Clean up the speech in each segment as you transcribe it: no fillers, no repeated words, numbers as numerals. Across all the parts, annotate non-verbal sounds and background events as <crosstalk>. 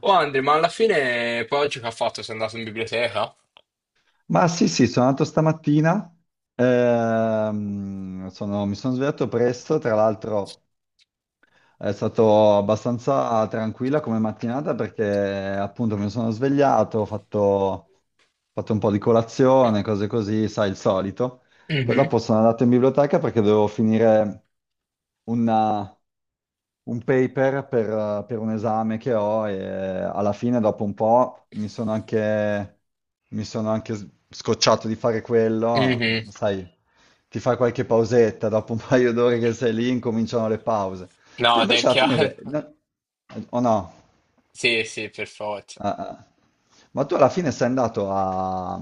Oh Andre, ma alla fine poi oggi che ha fatto? Sei andato in biblioteca? Ma sì, sì, sono andato stamattina, mi sono svegliato presto. Tra l'altro è stato abbastanza tranquilla come mattinata perché appunto mi sono svegliato, ho fatto un po' di colazione, cose così, sai, il solito. Poi Mhm, dopo sono andato in biblioteca perché dovevo finire un paper per un esame che ho e alla fine, dopo un po', mi sono anche scocciato di fare quello. mhm. Sai, ti fai qualche pausetta, dopo un <laughs> paio d'ore che sei lì, incominciano le pause. Tu No, è invece alla fine, chiaro. <laughs> O no? Sì, sì, per forza. Ah, ah. Ma tu alla fine sei andato a,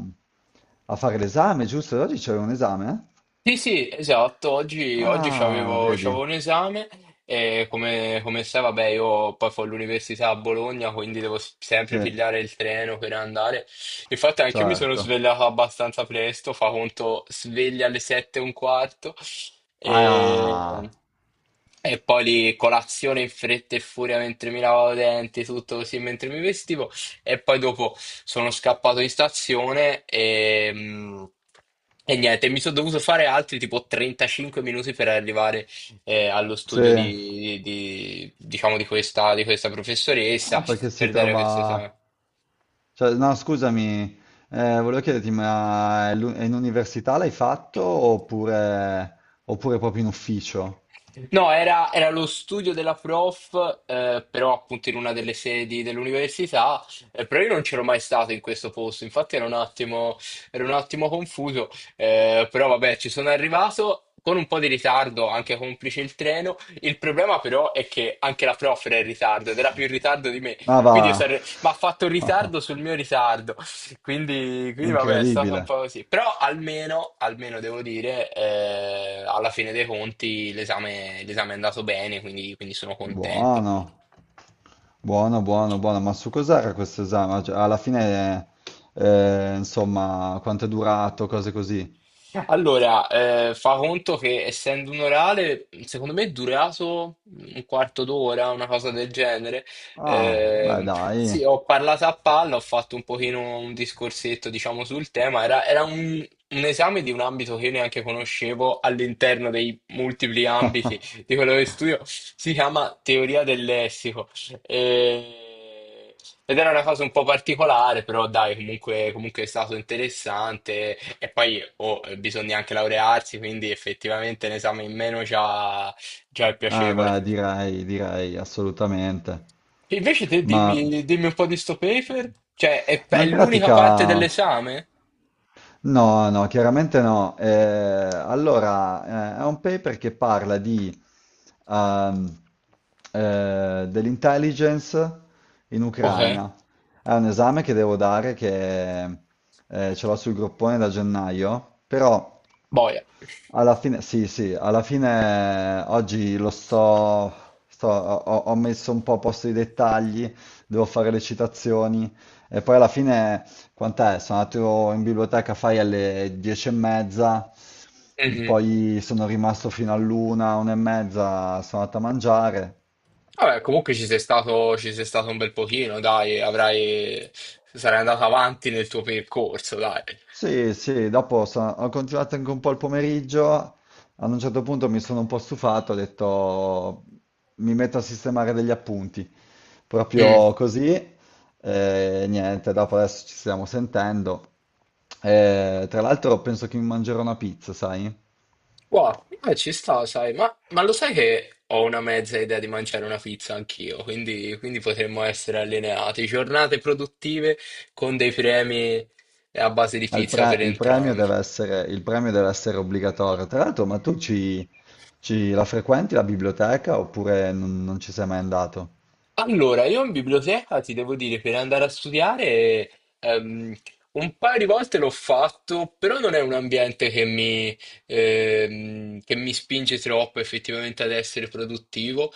a fare l'esame, giusto? Oggi c'è un esame, eh? Sì, sì, esatto. Oggi, oggi Ah, c'avevo, vedi? c'avevo un esame e come, come sai, vabbè, io poi fo l'università a Bologna, quindi devo s- sempre Sì, pigliare il treno per andare. Infatti anche io mi sono certo. svegliato abbastanza presto, fa conto sveglia alle 7:15 e, Ah, e poi lì colazione in fretta e furia mentre mi lavavo i denti, tutto così mentre mi vestivo. E poi dopo sono scappato in stazione e e niente, mi sono dovuto fare altri tipo 35 minuti per arrivare allo studio sì. Diciamo, di questa professoressa Ah, perché si per dare questo esame. trova. Cioè, no, scusami, volevo chiederti, ma è è in università l'hai fatto, oppure proprio in ufficio? No, era lo studio della prof, però appunto in una delle sedi dell'università, però io non c'ero mai stato in questo posto, infatti ero un attimo confuso, però vabbè, ci sono arrivato con un po' di ritardo, anche complice il treno. Il problema però è che anche la prof era in ritardo ed era più in ritardo di me, Ah, quindi io va. sarei... ma ha fatto <laughs> ritardo sul mio ritardo, quindi, È quindi vabbè, è stata un po' incredibile. così. Però almeno, almeno devo dire, alla fine dei conti l'esame è andato bene, quindi sono contento. Buono, buono, buono, buono. Ma su cos'era questo esame? Cioè, alla fine, insomma, quanto è durato, cose così. Allora, fa conto che essendo un orale, secondo me è durato un quarto d'ora, una cosa del genere. Ah, beh, Ehm, sì, dai. ho parlato a palla, ho fatto un pochino un discorsetto, diciamo, sul tema. Era un esame di un ambito che io neanche conoscevo all'interno dei multipli ambiti <laughs> di quello che studio. Si chiama teoria del lessico. E- Ed era una cosa un po' particolare, però dai, comunque è stato interessante. E poi oh, bisogna anche laurearsi, quindi effettivamente l'esame in meno già, già è Ah, piacevole. beh, direi, direi, assolutamente. Invece te Ma. dimmi, dimmi un po' di sto paper, cioè Ma è in l'unica parte pratica. dell'esame? No, no, chiaramente no. Allora, è un paper che parla di, ehm, dell'intelligence in Ok, Ucraina. È un esame che devo dare che ce l'ho sul groppone da gennaio. Però boia. alla fine, sì, sì, alla fine oggi lo ho messo un po' a posto i dettagli, devo fare le citazioni e poi alla fine, quant'è? Sono andato in biblioteca, fai alle 10:30, Mhm. poi sono rimasto fino all'una, 1:30, sono andato a mangiare. Vabbè, comunque ci sei stato un bel pochino, dai, avrai, sarai andato avanti nel tuo percorso, dai. Sì, sì, dopo ho continuato anche un po' il pomeriggio, ad un certo punto mi sono un po' stufato, ho detto mi metto a sistemare degli appunti, Mm. proprio così, e niente, dopo adesso ci stiamo sentendo. Tra l'altro penso che mi mangerò una pizza, sai? Wow, ci sta, sai, ma lo sai che ho una mezza idea di mangiare una pizza anch'io, quindi potremmo essere allineati. Giornate produttive con dei premi a base di pizza per Il premio entrambi. deve essere, obbligatorio. Tra l'altro, ma tu la frequenti la biblioteca, oppure non ci sei mai andato? Allora, io in biblioteca ti devo dire, per andare a studiare, ehm, un paio di volte l'ho fatto, però non è un ambiente che mi spinge troppo effettivamente ad essere produttivo.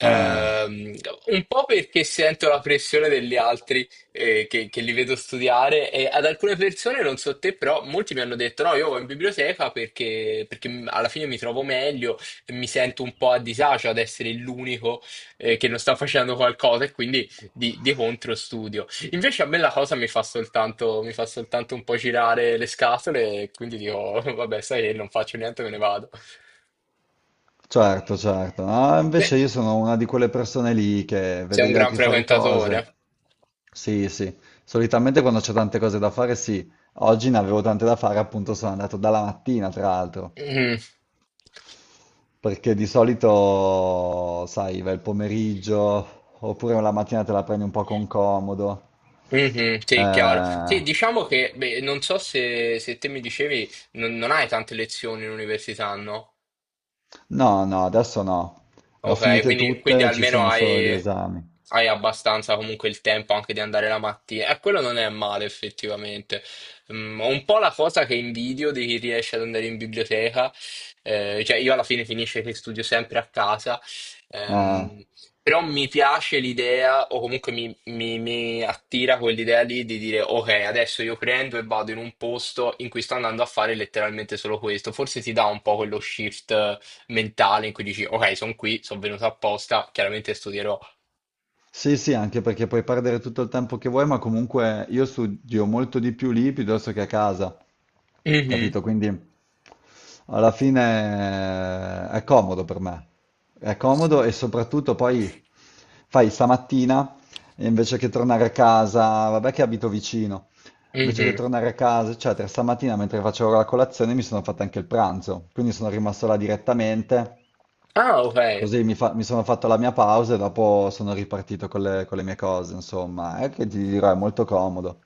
Ah. Ehm, un po' perché sento la pressione degli altri che li vedo studiare, e ad alcune persone, non so te, però molti mi hanno detto no, io vado in biblioteca perché m- alla fine mi trovo meglio e mi sento un po' a disagio ad essere l'unico che non sta facendo qualcosa e quindi di contro studio. Invece a me la cosa mi fa soltanto un po' girare le scatole e quindi dico <laughs> vabbè, sai che non faccio niente, me ne vado. Certo, certo. Ah, invece Beh, io sono una di quelle persone lì che sei vede un gli gran altri fare frequentatore. cose. Sì, sì. Solitamente quando c'è tante cose da fare, sì. Oggi ne avevo tante da fare, appunto sono andato dalla mattina, tra l'altro. Mhm. Perché di solito, sai, va il pomeriggio, oppure la mattina te la prendi un po' con comodo. Mhm, sì, chiaro. Eh, Sì, diciamo che, beh, non so se, se te mi dicevi, non, non hai tante lezioni in università, no? no, no, adesso no. Le ho Ok, finite quindi tutte, ci almeno sono solo gli hai, esami. hai abbastanza comunque il tempo anche di andare la mattina. E quello non è male effettivamente. Mm, ho un po' la cosa che invidio di chi riesce ad andare in biblioteca. Cioè io alla fine finisce che studio sempre a casa. Eh. Ehm, Però mi piace l'idea, o comunque mi attira quell'idea lì di dire ok, adesso io prendo e vado in un posto in cui sto andando a fare letteralmente solo questo. Forse ti dà un po' quello shift mentale in cui dici, ok, sono qui, sono venuto apposta, chiaramente studierò. Sì, sì, anche perché puoi perdere tutto il tempo che vuoi, ma comunque io studio molto di più lì piuttosto che a casa, Mhm, capito? Quindi alla fine è comodo per me, è comodo e soprattutto poi fai stamattina e invece che tornare a casa, vabbè che abito vicino, invece che mhm. tornare a casa, eccetera, stamattina mentre facevo la colazione mi sono fatto anche il pranzo, quindi sono rimasto là direttamente. Ah, ok. Così mi sono fatto la mia pausa e dopo sono ripartito con con le mie cose, insomma, è che ti dirò, è molto comodo.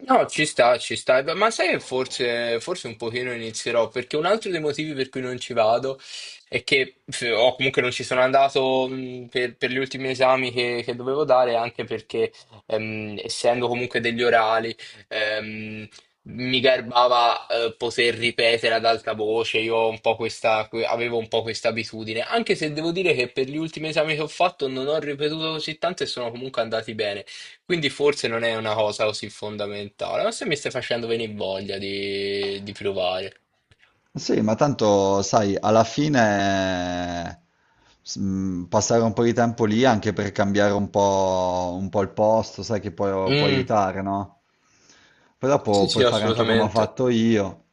No, ci sta, ci sta. Ma sai che forse un pochino inizierò, perché un altro dei motivi per cui non ci vado è che, f- o comunque non ci sono andato per gli ultimi esami che dovevo dare, anche perché essendo comunque degli orali, ehm, mi garbava poter ripetere ad alta voce, io ho un po' questa, que- avevo un po' questa abitudine, anche se devo dire che per gli ultimi esami che ho fatto non ho ripetuto così tanto e sono comunque andati bene. Quindi forse non è una cosa così fondamentale, ma se mi stai facendo venire voglia di provare. Sì, ma tanto, sai, alla fine passare un po' di tempo lì anche per cambiare un po' il posto, sai che può Mm, aiutare, no? Poi sì, dopo sì, puoi fare anche come ho assolutamente. fatto io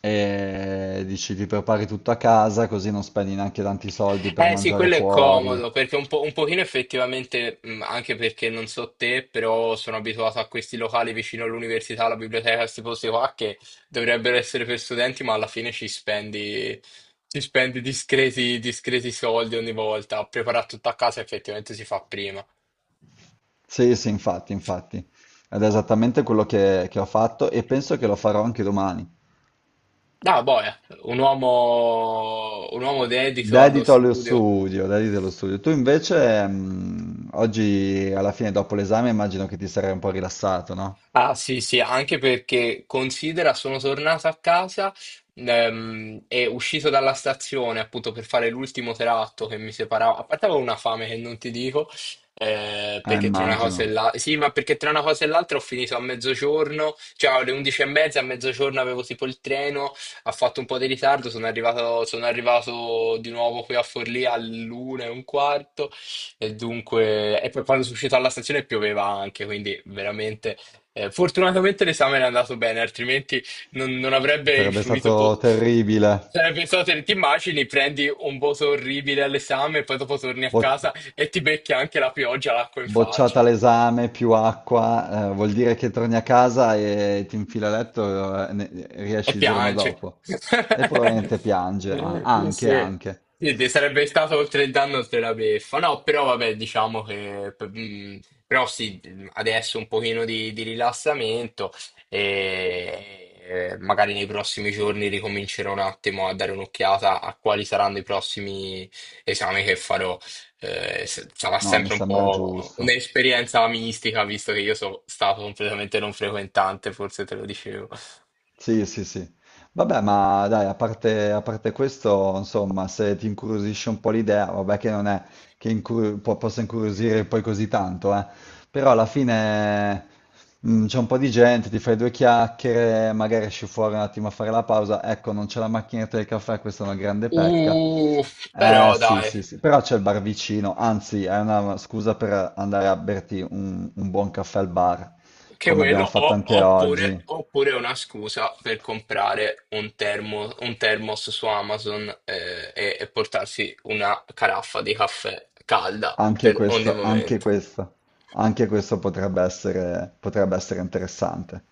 e dici ti prepari tutto a casa così non spendi neanche tanti soldi per Eh sì, mangiare quello è fuori. comodo, perché un po', un pochino effettivamente, mm, anche perché non so te, però sono abituato a questi locali vicino all'università, alla biblioteca, questi posti qua che dovrebbero essere per studenti, ma alla fine ci spendi discreti, discreti soldi ogni volta. A preparare tutto a casa effettivamente si fa prima. Sì, sì, infatti, infatti. Ed è esattamente quello che ho fatto e penso che lo farò anche domani. No, boia, un uomo dedito allo Dedito allo studio. studio, dedito allo studio. Tu invece, oggi alla fine, dopo l'esame, immagino che ti sarai un po' rilassato, no? Ah sì, sì, anche perché considera, sono tornato a casa e uscito dalla stazione appunto per fare l'ultimo tratto che mi separava. A parte avevo una fame che non ti dico, perché tra una cosa e Immagino. l'altra. Sì, ma perché tra una cosa e l'altra ho finito a mezzogiorno, cioè alle 11 e mezza, a mezzogiorno avevo tipo il treno, ha fatto un po' di ritardo, sono arrivato di nuovo qui a Forlì all'1:15. E dunque, e poi quando sono uscito dalla stazione pioveva anche, quindi veramente fortunatamente l'esame è andato bene, altrimenti non, non avrebbe Sarebbe influito. Po- stato terribile. Sarebbe stato, te- ti immagini, prendi un voto orribile all'esame, poi dopo torni a Boh. casa e ti becchi anche la pioggia, l'acqua in Bocciata faccia l'esame, più acqua, vuol dire che torni a casa e ti infila a letto e e riesci il giorno piange. dopo. E <laughs> probabilmente piange, sì, anche, sì. anche. Sì, ti sarebbe stato oltre il danno, oltre la beffa. No, però vabbè, diciamo che... p- mm, però sì, adesso un pochino di rilassamento e magari nei prossimi giorni ricomincerò un attimo a dare un'occhiata a quali saranno i prossimi esami che farò. S- sarà No, mi sempre un sembra po' giusto. un'esperienza mistica, visto che io sono stato completamente non frequentante, forse te lo dicevo. Sì, sì, sì. Vabbè, ma dai, a parte questo, insomma, se ti incuriosisce un po' l'idea, vabbè che non è che possa incuriosire poi così tanto, eh. Però alla fine c'è un po' di gente, ti fai due chiacchiere, magari esci fuori un attimo a fare la pausa. Ecco, non c'è la macchinetta del caffè, questa è una grande pecca. Uh, Eh però sì, dai. sì, sì, però c'è il bar vicino, anzi, è una scusa per andare a berti un buon caffè al bar, Che come quello, abbiamo fatto o- anche oppure, oggi. oppure è una scusa per comprare un, termo- un thermos su Amazon e portarsi una caraffa di caffè calda Anche per ogni questo, anche momento. questo, anche questo potrebbe essere interessante.